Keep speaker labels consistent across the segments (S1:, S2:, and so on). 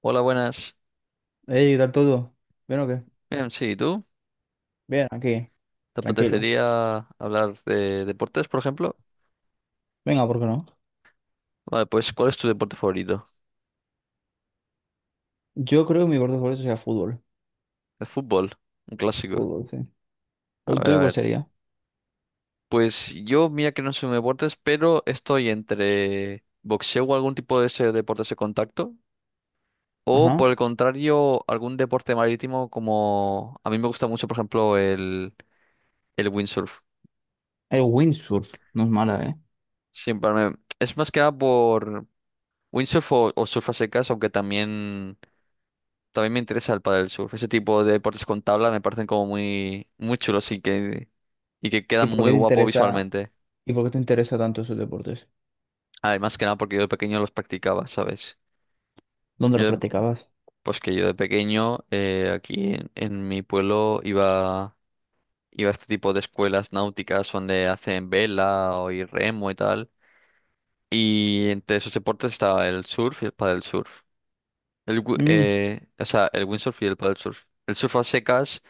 S1: Hola, buenas.
S2: Ey, ¿qué tal todo? ¿Bien o qué?
S1: Bien, sí, ¿y tú?
S2: Bien, aquí,
S1: ¿Te
S2: tranquilo.
S1: apetecería hablar de deportes, por ejemplo?
S2: Venga, ¿por qué no?
S1: Vale, pues ¿cuál es tu deporte favorito?
S2: Yo creo que mi deporte favorito sea fútbol.
S1: El fútbol, un clásico.
S2: Fútbol, sí.
S1: A
S2: ¿El
S1: ver, a
S2: tuyo cuál
S1: ver.
S2: sería?
S1: Pues yo, mira que no soy un deportes, pero estoy entre boxeo o algún tipo de ese deporte de contacto, o
S2: Ajá.
S1: por el contrario, algún deporte marítimo como a mí me gusta mucho, por ejemplo, el windsurf.
S2: El windsurf, no es mala, ¿eh?
S1: Es más que nada por windsurf o surf a secas, aunque también También me interesa el pádel surf. Ese tipo de deportes con tabla me parecen como muy chulos y que
S2: ¿Y
S1: quedan
S2: por qué
S1: muy
S2: te
S1: guapo
S2: interesa,
S1: visualmente.
S2: ¿Y por qué te interesa tanto esos deportes?
S1: Además que nada porque yo de pequeño los practicaba, ¿sabes?
S2: ¿Dónde los
S1: Yo, de-
S2: practicabas?
S1: pues que yo de pequeño aquí en mi pueblo iba a este tipo de escuelas náuticas donde hacen vela o y remo y tal. Y entre esos deportes estaba el surf y el paddle surf.
S2: Mm,
S1: O sea, el windsurf y el paddle surf. El surf a secas.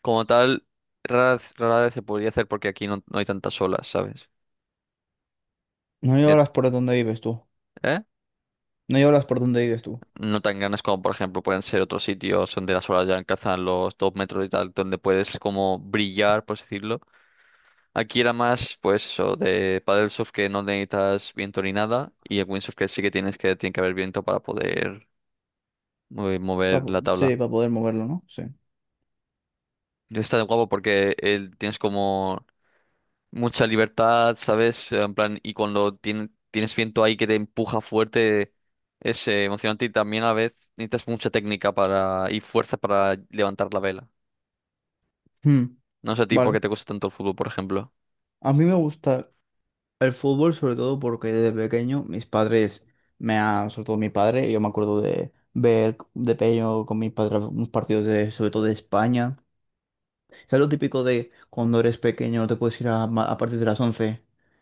S1: Como tal, rara vez se podría hacer porque aquí no hay tantas olas, ¿sabes?
S2: no
S1: Ya-
S2: lloras por donde vives tú.
S1: ¿Eh?
S2: No lloras por donde vives tú.
S1: No tan grandes como, por ejemplo, pueden ser otros sitios donde las olas ya alcanzan los 2 metros y tal, donde puedes como brillar, por así decirlo. Aquí era más, pues eso, de paddle surf que no necesitas viento ni nada, y el windsurf que sí que tienes que, tiene que haber viento para poder
S2: Pa-
S1: mover la
S2: sí,
S1: tabla.
S2: para poder moverlo, ¿no? Sí.
S1: Y está guapo porque él, tienes como mucha libertad, ¿sabes? En plan, y cuando tienes viento ahí que te empuja fuerte, es emocionante y también a la vez necesitas mucha técnica para y fuerza para levantar la vela.
S2: Hmm,
S1: No sé a ti por
S2: vale.
S1: qué te gusta tanto el fútbol, por ejemplo.
S2: A mí me gusta el fútbol, sobre todo porque desde pequeño mis padres me han, sobre todo mi padre, yo me acuerdo de ver de pequeño con mis padres unos partidos de, sobre todo de España. Es lo típico de cuando eres pequeño no te puedes ir a, a partir de las once.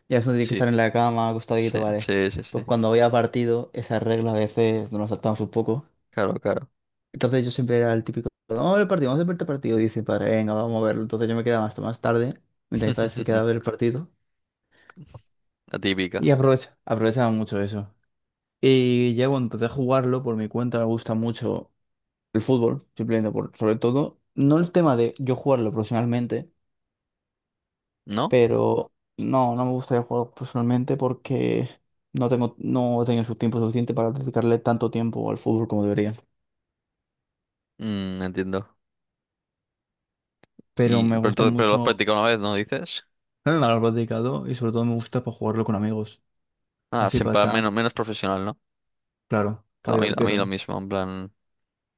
S2: Ya eso tienes que
S1: Sí,
S2: estar en la cama,
S1: sí,
S2: acostadito, ¿vale?
S1: sí, sí,
S2: Pues
S1: sí.
S2: cuando había partido, esa regla a veces nos la saltamos un poco.
S1: Claro, claro.
S2: Entonces yo siempre era el típico, vamos a ver el partido, vamos a ver el partido. Y dice, mi padre, venga, vamos a verlo. Entonces yo me quedaba hasta más tarde, mientras mi padre se quedaba a ver el partido.
S1: La típica,
S2: Y aprovechaba mucho eso. Y ya cuando empecé a jugarlo, por mi cuenta me gusta mucho el fútbol, simplemente por, sobre todo, no el tema de yo jugarlo profesionalmente,
S1: ¿no?
S2: pero no me gustaría jugar profesionalmente porque no he tenido su tiempo suficiente para dedicarle tanto tiempo al fútbol como debería.
S1: Mm, entiendo.
S2: Pero me gusta
S1: Pero lo has
S2: mucho
S1: practicado una vez, ¿no dices?
S2: haberlo dedicado y sobre todo me gusta para jugarlo con amigos.
S1: Ah,
S2: Así para
S1: siempre
S2: echar-
S1: menos menos profesional, ¿no?
S2: claro, para
S1: Claro. A mí lo
S2: divertirme.
S1: mismo, en plan.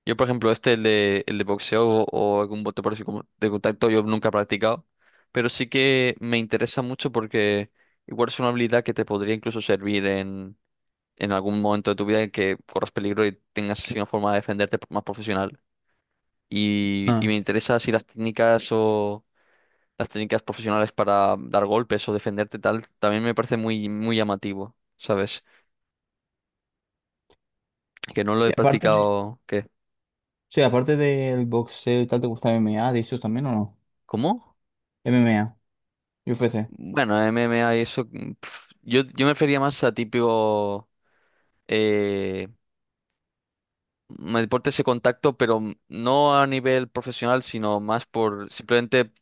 S1: Yo, por ejemplo, este, el de boxeo o algún bote parecido como de contacto, yo nunca he practicado, pero sí que me interesa mucho porque igual es una habilidad que te podría incluso servir en algún momento de tu vida en que corras peligro y tengas así una forma de defenderte más profesional. Y me
S2: Ah.
S1: interesa si las técnicas o las técnicas profesionales para dar golpes o defenderte tal, también me parece muy llamativo, ¿sabes? Que no lo he
S2: Y
S1: practicado, ¿qué?
S2: sí, aparte del boxeo y tal, ¿te gusta M M A ¿dices también o no?
S1: ¿Cómo?
S2: M M A y U F C.
S1: Bueno, MMA y eso. Yo, yo me refería más a típico eh, me deporte ese contacto, pero no a nivel profesional, sino más por simplemente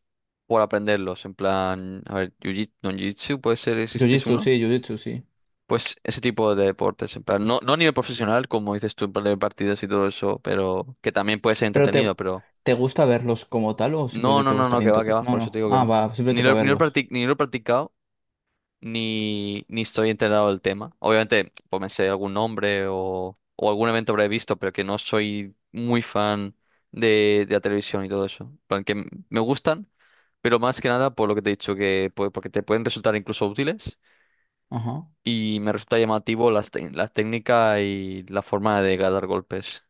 S1: por aprenderlos. En plan, a ver, jiu-jitsu, no, jiu-jitsu puede ser, existe es
S2: Jiu-jitsu, sí,
S1: uno.
S2: jiu-jitsu, sí.
S1: Pues ese tipo de deportes, en plan, no, no a nivel profesional, como dices tú, en plan de partidas y todo eso, pero que también puede ser
S2: Pero
S1: entretenido,
S2: te,
S1: pero
S2: ¿Te gusta verlos como tal o
S1: no,
S2: simplemente
S1: no,
S2: te
S1: no, no,
S2: gustaría
S1: que
S2: entonces?
S1: va,
S2: No,
S1: por eso te
S2: no.
S1: digo que
S2: Ah,
S1: no.
S2: va, simplemente para verlos.
S1: Ni lo he practicado ni estoy enterado del tema. Obviamente, pues me sé algún nombre o algún evento habré visto, pero que no soy muy fan de la televisión y todo eso. En plan, que me gustan, pero más que nada por lo que te he dicho, que porque te pueden resultar incluso útiles
S2: Ajá.
S1: y me resulta llamativo las la técnica y la forma de dar golpes,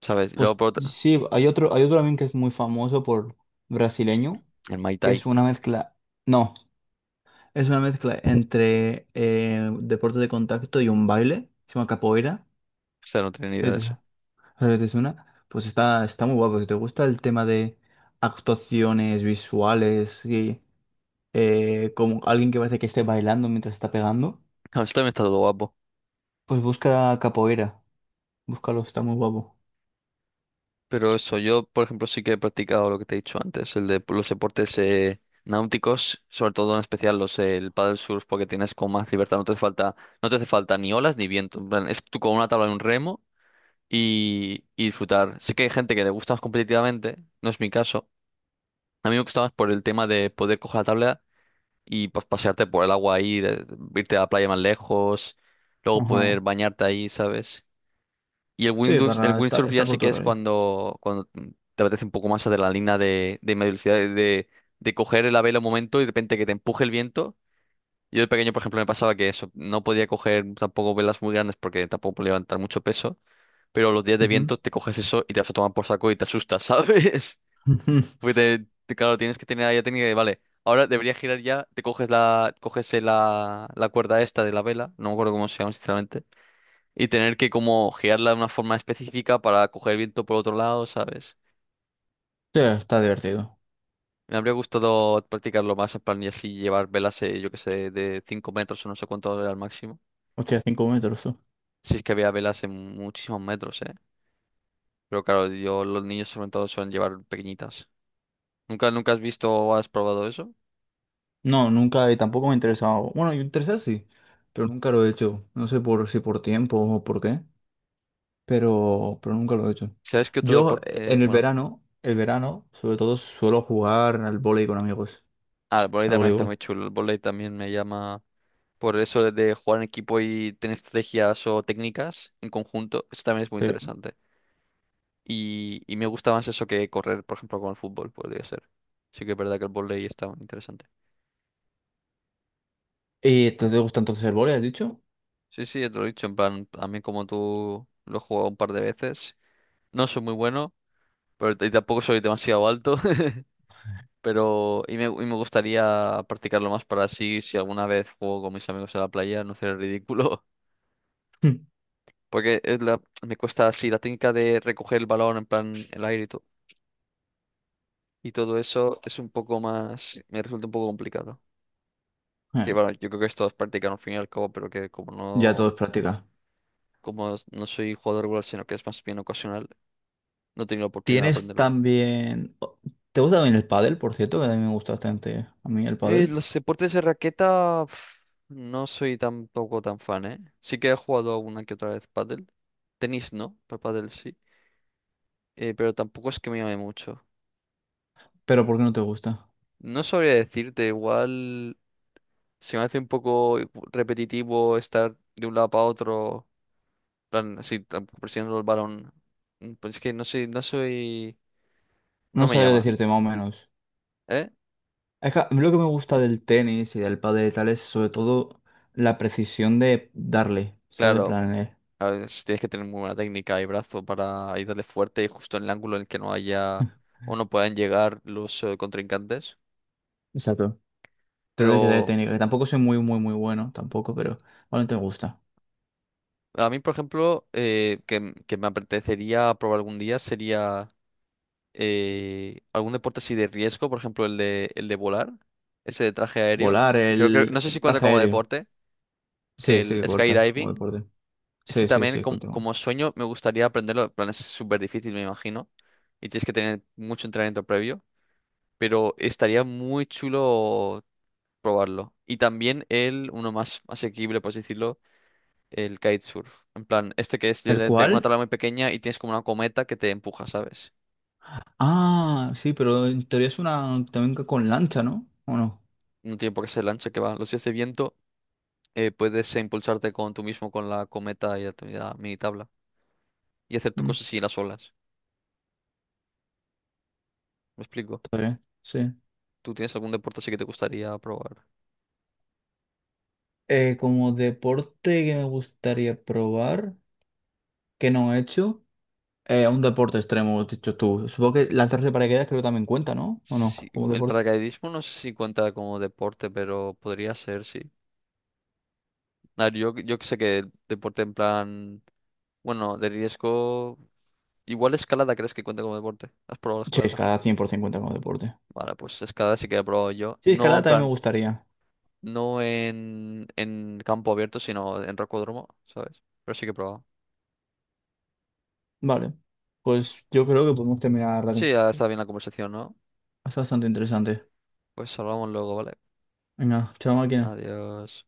S1: ¿sabes? Y luego
S2: Pues
S1: por otra,
S2: sí, hay otro también que es muy famoso por brasileño,
S1: el Muay
S2: que es
S1: Thai.
S2: una mezcla. No, es una mezcla entre deporte de contacto y un baile. Se llama capoeira.
S1: O sea, no tenía ni idea de
S2: Es,
S1: eso.
S2: es una. Pues está muy guapo. Si te gusta el tema de actuaciones visuales y como alguien que parece que esté bailando mientras está pegando.
S1: Esto también está todo guapo.
S2: Pues busca capoeira. Búscalo, está muy guapo.
S1: Pero eso, yo, por ejemplo, sí que he practicado lo que te he dicho antes, el de los deportes náuticos, sobre todo en especial los el paddle surf, porque tienes como más libertad, no te hace falta, no te hace falta ni olas ni viento. En plan, es tú con una tabla y un remo y disfrutar. Sí que hay gente que le gusta más competitivamente, no es mi caso. A mí me gusta más por el tema de poder coger la tabla y pues pasearte por el agua ahí, irte a la playa más lejos, luego poder
S2: Ajá.
S1: bañarte ahí, ¿sabes? Y el
S2: Sí,
S1: Windows, el
S2: para,
S1: windsurf ya
S2: está
S1: sí
S2: por
S1: que
S2: tu
S1: es
S2: rollo.
S1: cuando te apetece un poco más adrenalina de media velocidad, de coger la vela un momento y de repente que te empuje el viento. Yo de pequeño, por ejemplo, me pasaba que eso, no podía coger tampoco velas muy grandes porque tampoco podía levantar mucho peso, pero los días de
S2: Ujú.
S1: viento te coges eso y te vas a tomar por saco y te asustas, ¿sabes? Porque claro, tienes que tener ahí la técnica de, vale, ahora debería girar ya, te coges la, la cuerda esta de la vela, no me acuerdo cómo se llama, sinceramente, y tener que como girarla de una forma específica para coger viento por otro lado, ¿sabes?
S2: Sí, está divertido.
S1: Me habría gustado practicarlo más en plan y así llevar velas, yo que sé, de 5 metros o no sé cuánto era el máximo.
S2: Hostia, cinco metros tú.
S1: Si es que había velas en muchísimos metros, ¿eh? Pero claro, yo, los niños sobre todo suelen llevar pequeñitas. ¿Nunca, nunca has visto o has probado eso?
S2: No, nunca, y tampoco me ha interesado. Bueno, y interesado sí, pero nunca lo he hecho. No sé por si por tiempo o por qué, pero nunca lo he hecho.
S1: ¿Sabes qué otro
S2: Yo
S1: deporte? eh,
S2: en
S1: bueno,
S2: el verano, sobre todo suelo jugar al vóley con amigos,
S1: el vóley
S2: al
S1: también está muy
S2: voleibol.
S1: chulo. El vóley también me llama por eso de jugar en equipo y tener estrategias o técnicas en conjunto. Eso también es muy
S2: Sí.
S1: interesante. Y me gusta más eso que correr, por ejemplo, con el fútbol, podría ser. Sí que es verdad que el vóley está muy interesante.
S2: ¿Y te gusta entonces el vóley, has dicho?
S1: Sí, sí, ya te lo he dicho, en plan, también como tú lo he jugado un par de veces. No soy muy bueno, pero y tampoco soy demasiado alto. Pero, y me gustaría practicarlo más para así, si alguna vez juego con mis amigos en la playa, no ser ridículo. Porque me cuesta así, la técnica de recoger el balón en plan el aire y todo eso es un poco más, me resulta un poco complicado. Que
S2: Eh,
S1: bueno, yo creo que esto es práctica al fin y al cabo, pero que
S2: ya todo es práctica.
S1: como no soy jugador regular, sino que es más bien ocasional, no he tenido la oportunidad de
S2: Tienes
S1: aprenderlo.
S2: también... ¿Te gusta también el pádel, por cierto? Que a mí me gusta bastante a mí el pádel.
S1: Los deportes de raqueta, pf, no soy tampoco tan fan, ¿eh? Sí que he jugado alguna que otra vez pádel. Tenis no, pero pádel sí. Pero tampoco es que me llame mucho.
S2: Pero ¿por qué no te gusta?
S1: No sabría decirte, igual se me hace un poco repetitivo estar de un lado para otro, en plan, así, presionando el balón. Pues es que no soy,
S2: No
S1: no me
S2: sabría
S1: llama.
S2: decirte más o menos.
S1: ¿Eh?
S2: Es que a mí lo que me gusta del tenis y del pádel y tal es sobre todo la precisión de darle, ¿sabes? En
S1: Claro,
S2: plan,
S1: a ver, si tienes que tener muy buena técnica y brazo para ir darle fuerte y justo en el ángulo en el que no haya o no puedan llegar los contrincantes.
S2: exacto. Te doy que te dé
S1: Pero
S2: técnica, que tampoco soy muy, muy bueno, tampoco, pero bueno, te gusta.
S1: a mí, por ejemplo, que me apetecería probar algún día sería algún deporte así de riesgo, por ejemplo, el de volar, ese de traje aéreo.
S2: Volar,
S1: Creo que, no sé si
S2: el
S1: cuenta
S2: traje
S1: como
S2: aéreo.
S1: deporte,
S2: Sí, sí
S1: el
S2: que corta como
S1: skydiving.
S2: deporte.
S1: Ese
S2: Sí, sí,
S1: también,
S2: sí, continúo.
S1: como sueño, me gustaría aprenderlo. En plan, es súper difícil, me imagino, y tienes que tener mucho entrenamiento previo, pero estaría muy chulo probarlo. Y también el, uno más asequible, por así decirlo, el kitesurf. En plan, este que es
S2: ¿El
S1: literalmente una
S2: cuál?
S1: tabla muy pequeña y tienes como una cometa que te empuja, ¿sabes?
S2: Ah, sí, pero en teoría es una también que con lancha, ¿no? ¿O no?
S1: No tiene por qué ser el ancho que va. Los días de viento puedes impulsarte con tú mismo con la cometa y la mini tabla y hacer tu
S2: Mm,
S1: cosas así en las olas. ¿Me explico?
S2: está bien, sí.
S1: ¿Tú tienes algún deporte así que te gustaría probar?
S2: Como deporte que me gustaría probar, que no he hecho, un deporte extremo, has dicho tú. Supongo que lanzarse de paracaídas creo que también cuenta, ¿no? ¿O
S1: Sí,
S2: no? Como
S1: el
S2: deporte.
S1: paracaidismo no sé si cuenta como deporte, pero podría ser, sí. A ver, yo que sé que deporte en plan. Bueno, de riesgo. Igual escalada, ¿crees que cuenta como deporte? ¿Has probado
S2: Sí,
S1: escalada?
S2: escalada 100% cuenta como deporte.
S1: Vale, pues escalada sí que he probado yo.
S2: Sí,
S1: No
S2: escalada
S1: en
S2: también me
S1: plan,
S2: gustaría.
S1: no en campo abierto, sino en rocódromo, ¿sabes? Pero sí que he probado.
S2: Vale. Pues yo creo que podemos terminar la
S1: Sí, ya
S2: conversación.
S1: está bien la conversación, ¿no?
S2: Es bastante interesante.
S1: Pues hablamos luego, ¿vale?
S2: Venga, chao máquina.
S1: Adiós.